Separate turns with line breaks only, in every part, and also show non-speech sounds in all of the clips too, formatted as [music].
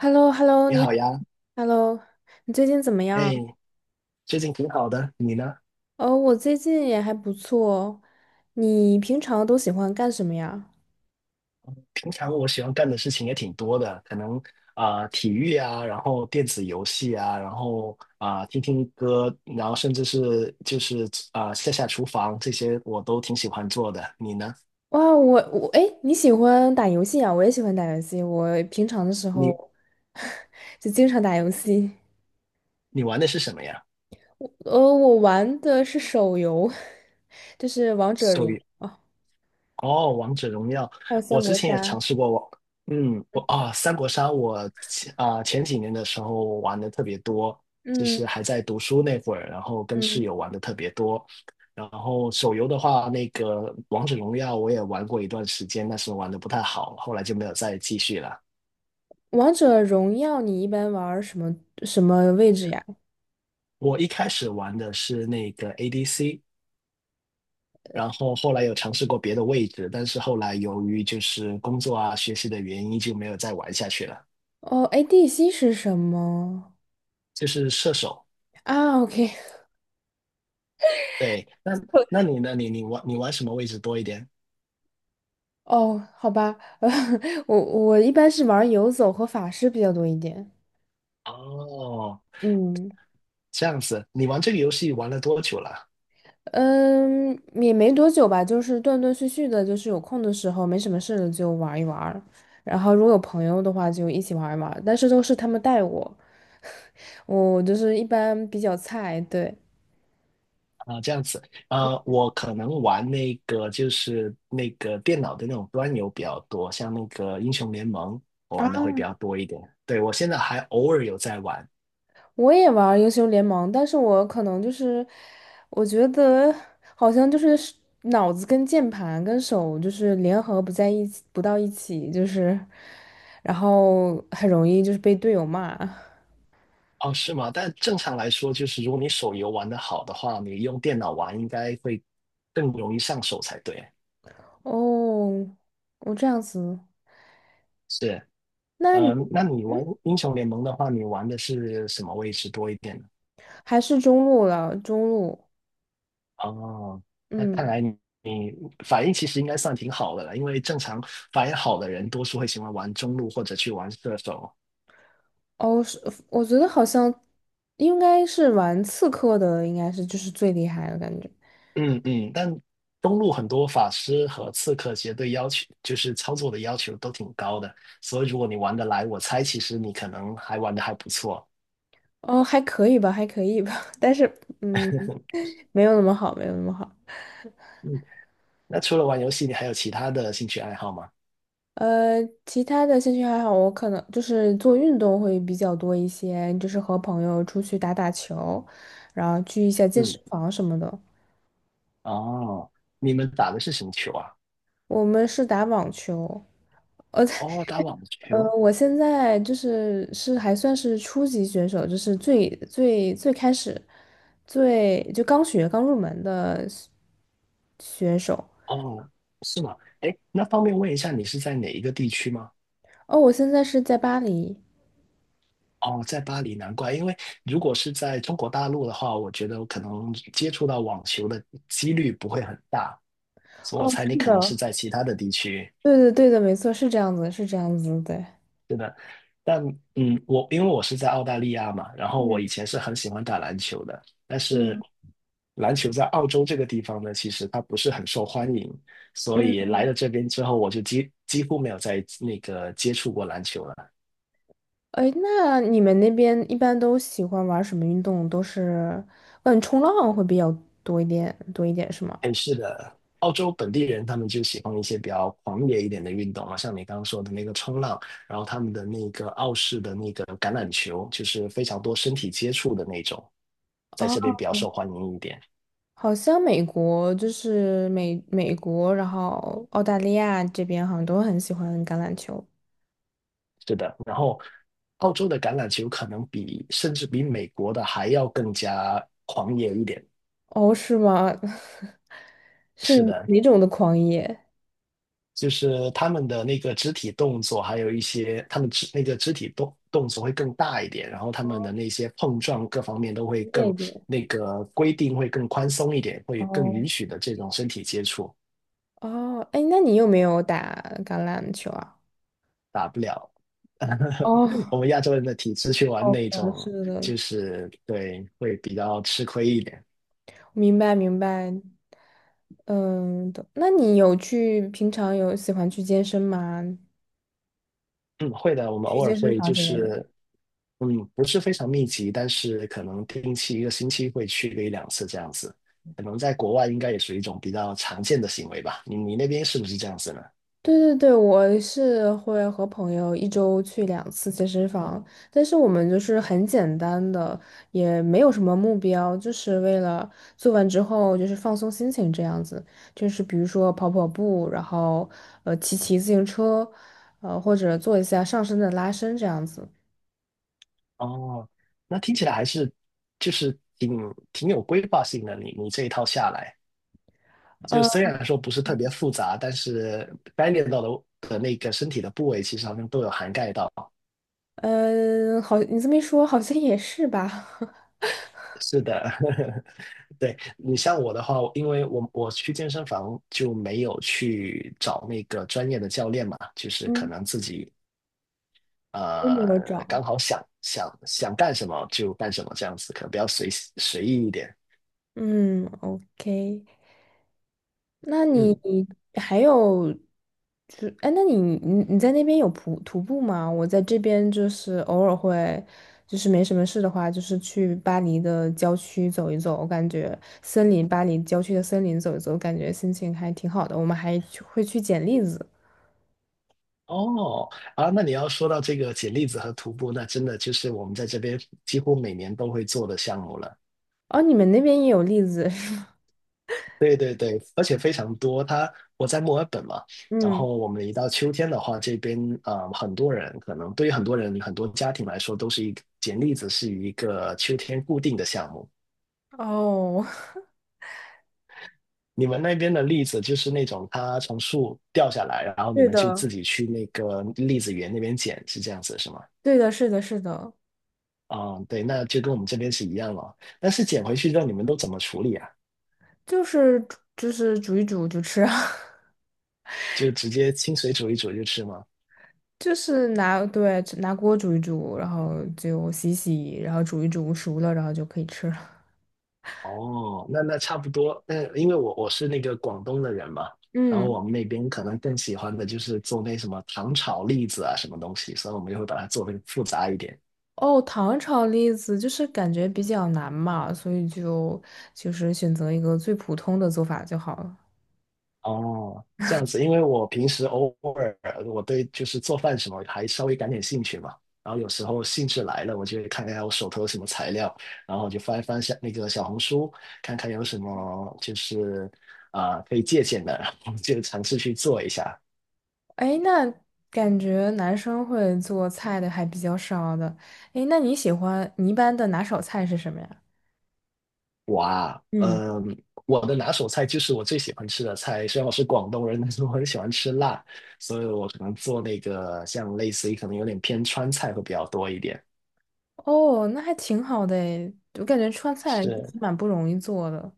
h e l l o h e l l o
你
你
好
好
呀，
，Hello，你最近怎么样？
哎，最近挺好的，你呢？
哦，我最近也还不错。你平常都喜欢干什么呀？
平常我喜欢干的事情也挺多的，可能体育啊，然后电子游戏啊，然后听听歌，然后甚至是就是下下厨房这些我都挺喜欢做的。你呢？
哇，我哎，你喜欢打游戏啊？我也喜欢打游戏。我平常的时候
你
[laughs] 就经常打游戏。
你玩的是什么呀？
我玩的是手游，[laughs] 就是王者
手
荣
游
耀，哦
哦，王者荣耀，
还有
我
三
之
国
前也
杀。
尝试过我，嗯，我啊，三国杀我前几年的时候玩的特别多，就是
嗯
还在读书那会儿，然后跟室
嗯，
友玩的特别多。然后手游的话，那个王者荣耀我也玩过一段时间，但是玩的不太好，后来就没有再继续了。
王者荣耀你一般玩儿什么位置呀？
我一开始玩的是那个 ADC，然后后来有尝试过别的位置，但是后来由于就是工作啊、学习的原因，就没有再玩下去了。
哦，ADC 是什么？
就是射手，
啊，OK，
对，那你呢？你玩什么位置多一点？
哦，好吧，[laughs] 呃，我一般是玩游走和法师比较多一点。
哦，
嗯
这样子，你玩这个游戏玩了多久了？
嗯，也没多久吧，就是断断续续的，就是有空的时候没什么事了就玩一玩，然后如果有朋友的话就一起玩一玩，但是都是他们带我，我就是一般比较菜，对。
这样子，我可能玩那个就是那个电脑的那种端游比较多，像那个英雄联盟，我玩的会比较多一点。对，我现在还偶尔有在玩。
我也玩儿英雄联盟，但是我可能就是，我觉得好像就是脑子跟键盘跟手就是联合不在一起，不到一起，就是，然后很容易就是被队友骂。
哦，是吗？但正常来说，就是如果你手游玩的好的话，你用电脑玩应该会更容易上手才对。
哦，我这样子，
是，
那你
嗯，那你玩英雄联盟的话，你玩的是什么位置多一点呢？
还是中路了，中路，
哦，那看
嗯，
来你反应其实应该算挺好的了，因为正常反应好的人多数会喜欢玩中路或者去玩射手。
哦，是，我觉得好像应该是玩刺客的，应该是就是最厉害的感觉。
嗯嗯，但中路很多法师和刺客其实对要求就是操作的要求都挺高的，所以如果你玩得来，我猜其实你可能还玩得还不错。
哦，还可以吧，还可以吧，[laughs] 但是嗯，
[laughs]
没有那么好，没有那么好。
嗯，那除了玩游戏，你还有其他的兴趣爱好吗？
呃，其他的兴趣爱好，我可能就是做运动会比较多一些，就是和朋友出去打打球，然后去一下健身
嗯，
房什么的。
哦，你们打的是什么球啊？
我们是打网球，
哦，打网球，
我现在就是还算是初级选手，就是最最最开始最就刚入门的选手。
哦，是吗？哎，那方便问一下，你是在哪一个地区吗？
哦，我现在是在巴黎。
哦，在巴黎，难怪，因为如果是在中国大陆的话，我觉得我可能接触到网球的几率不会很大，所以我
哦，
猜你
是
可能是
的，
在其他的地区。
对的，对的，没错，是这样子，是这样子，对。
是的，但嗯，我因为我是在澳大利亚嘛，然后我以
嗯
前是很喜欢打篮球的，但是
嗯
篮球在澳洲这个地方呢，其实它不是很受欢迎，所以
嗯，
来了这边之后，我就几乎没有再那个接触过篮球了。
哎，那你们那边一般都喜欢玩什么运动？都是，嗯，冲浪会比较多一点，多一点是吗？
哎，是的，澳洲本地人他们就喜欢一些比较狂野一点的运动啊，像你刚刚说的那个冲浪，然后他们的那个澳式的那个橄榄球，就是非常多身体接触的那种，在这边
哦，
比较受欢迎一点。
好像美国就是美国，然后澳大利亚这边好像都很喜欢橄榄球。
是的，然后澳洲的橄榄球可能比甚至比美国的还要更加狂野一点。
哦，是吗？[laughs] 是
是的，
哪种的狂野？
就是他们的那个肢体动作，还有一些他们那个肢体动作会更大一点，然后他们的那些碰撞各方面都会
那
更
边。
那个规定会更宽松一点，会更
哦
允许的这种身体接触。
哦，哎，那你有没有打橄榄球啊？
打不了，[laughs] 我
哦，
们亚洲人的体质去玩
好
那
的，
种，
是的，
就是对，会比较吃亏一点。
明白明白，嗯，懂那你平常有喜欢去健身吗？
嗯，会的，我们
去
偶尔
健身
会
房
就
之类的。
是，嗯，不是非常密集，但是可能定期1个星期会去个1、2次这样子。可能在国外应该也属于一种比较常见的行为吧。你那边是不是这样子呢？
对对对，我是会和朋友一周去2次健身房，但是我们就是很简单的，也没有什么目标，就是为了做完之后就是放松心情这样子，就是比如说跑跑步，然后骑骑自行车，或者做一下上身的拉伸这样子。
哦，那听起来还是就是挺有规划性的。你这一套下来，就
呃。
虽然说不是特别复杂，但是该练到的那个身体的部位，其实好像都有涵盖到。
嗯，好，你这么一说，好像也是吧。[laughs]
是的，[laughs] 对，你像我的话，因为我去健身房就没有去找那个专业的教练嘛，就是可
嗯，
能自己
都没有找。
刚好想想干什么就干什么这样子，可能比较随意一点。
嗯，OK,那你
嗯，
还有，就哎，那你你在那边有徒步吗？我在这边就是偶尔会，就是没什么事的话，就是去巴黎的郊区走一走，我感觉森林，巴黎郊区的森林走一走，感觉心情还挺好的。我们还去会去捡栗子，
哦，啊，那你要说到这个捡栗子和徒步，那真的就是我们在这边几乎每年都会做的项目了。
哦，你们那边也有栗子是吗？
对对对，而且非常多。我在墨尔本嘛，然
嗯，
后我们一到秋天的话，这边啊，很多人可能对于很多人很多家庭来说，都是一个捡栗子是一个秋天固定的项目。
哦，
你们那边的栗子就是那种它从树掉下来，然后
[laughs]
你
对
们就
的。
自己去那个栗子园那边捡，是这样子是吗？
对的，是的，是的，
啊，对，那就跟我们这边是一样了。但是捡回去之后，你们都怎么处理啊？
就是煮一煮就吃啊，
就直接清水煮一煮就吃吗？
[laughs] 就是拿锅煮一煮，然后就洗洗，然后煮一煮熟了，然后就可以吃了。
哦，那那差不多。嗯，因为我是那个广东的人嘛，然后
嗯，
我们那边可能更喜欢的就是做那什么糖炒栗子啊，什么东西，所以我们就会把它做的复杂一点。
哦，糖炒栗子就是感觉比较难嘛，所以就就是选择一个最普通的做法就好了。
哦，这样子，因为我平时偶尔我对就是做饭什么还稍微感点兴趣嘛，然后有时候兴致来了，我就会看看我手头有什么材料，然后我就翻一翻下那个小红书，看看有什么就是可以借鉴的，然后就尝试去做一下。
哎，那感觉男生会做菜的还比较少的。哎，那你喜欢你一般的拿手菜是什么呀？
我啊，
嗯。
嗯，我的拿手菜就是我最喜欢吃的菜。虽然我是广东人，但是我很喜欢吃辣，所以我可能做那个像类似于可能有点偏川菜会比较多一点。
哦，那还挺好的诶，我感觉川菜其
是，
实蛮不容易做的。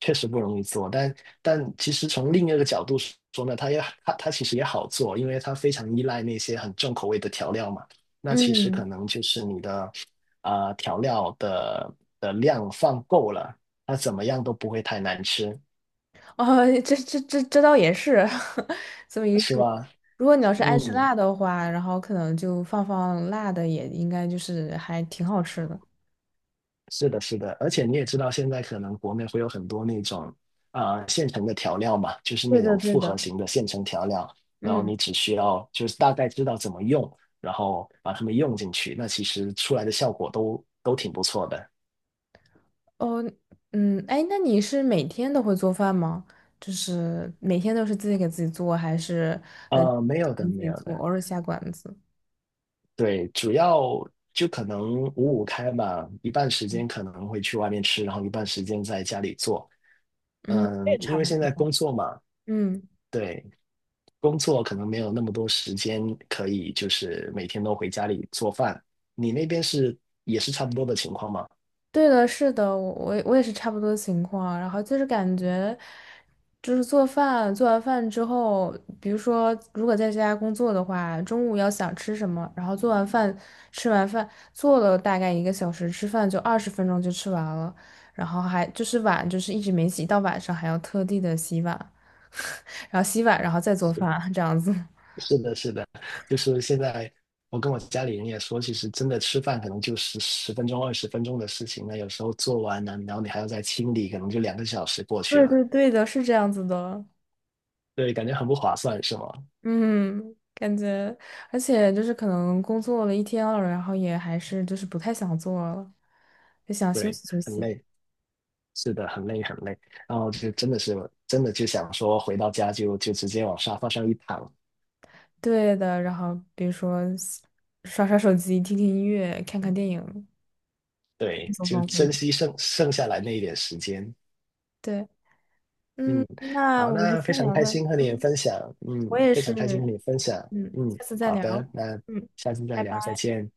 确实不容易做，但其实从另一个角度说呢，它其实也好做，因为它非常依赖那些很重口味的调料嘛。那其实可
嗯，
能就是你的调料的量放够了，它怎么样都不会太难吃，
[laughs] 哦，这倒也是，[laughs] 这么一
是
说，
吧？
如果你要是爱吃
嗯。
辣的话，然后可能就放放辣的，也应该就是还挺好吃的。
是的，是的，而且你也知道，现在可能国内会有很多那种现成的调料嘛，就是
对
那
的，
种
对
复合
的。
型的现成调料，然后
嗯，
你只需要就是大概知道怎么用，然后把它们用进去，那其实出来的效果都挺不错的。
哦，嗯，哎，那你是每天都会做饭吗？就是每天都是自己给自己做，还是呃
没有的，
你自
没
己
有
做，
的，
偶尔下馆子？
对，主要就可能五五开嘛，一半时间可能会去外面吃，然后一半时间在家里做。
这
嗯，
也
因
差
为
不
现
多。
在工作嘛，
嗯。
对，工作可能没有那么多时间可以，就是每天都回家里做饭。你那边是也是差不多的情况吗？
对的，是的，我也是差不多情况。然后就是感觉，就是做饭，做完饭之后，比如说如果在家工作的话，中午要想吃什么，然后做完饭，吃完饭做了大概1个小时，吃饭就20分钟就吃完了，然后还就是碗就是一直没洗，到晚上还要特地的洗碗，[laughs] 然后洗碗，然后再做饭，这样子。[laughs]
是的，是的，就是现在我跟我家里人也说，其实真的吃饭可能就十分钟、20分钟的事情，那有时候做完呢，然后你还要再清理，可能就2个小时过去
对
了。
对对的，是这样子的。
对，感觉很不划算，是吗？
嗯，感觉，而且就是可能工作了一天了，然后也还是就是不太想做了，就想休
对，
息休
很
息。
累，是的，很累很累。然后就真的就想说回到家就直接往沙发上一躺，
对的，然后比如说刷刷手机、听听音乐、看看电影，放
对，
松
就
放松。
珍惜剩下来那一点时间。
对，嗯，
嗯，
那
好，
我们
那非
先
常
聊
开
到，
心和你
嗯，
分享，嗯，
我也
非
是，
常开心和你分享，
嗯，
嗯，
下次再
好的，
聊，
那
嗯，
下次再
拜
聊，再
拜。
见。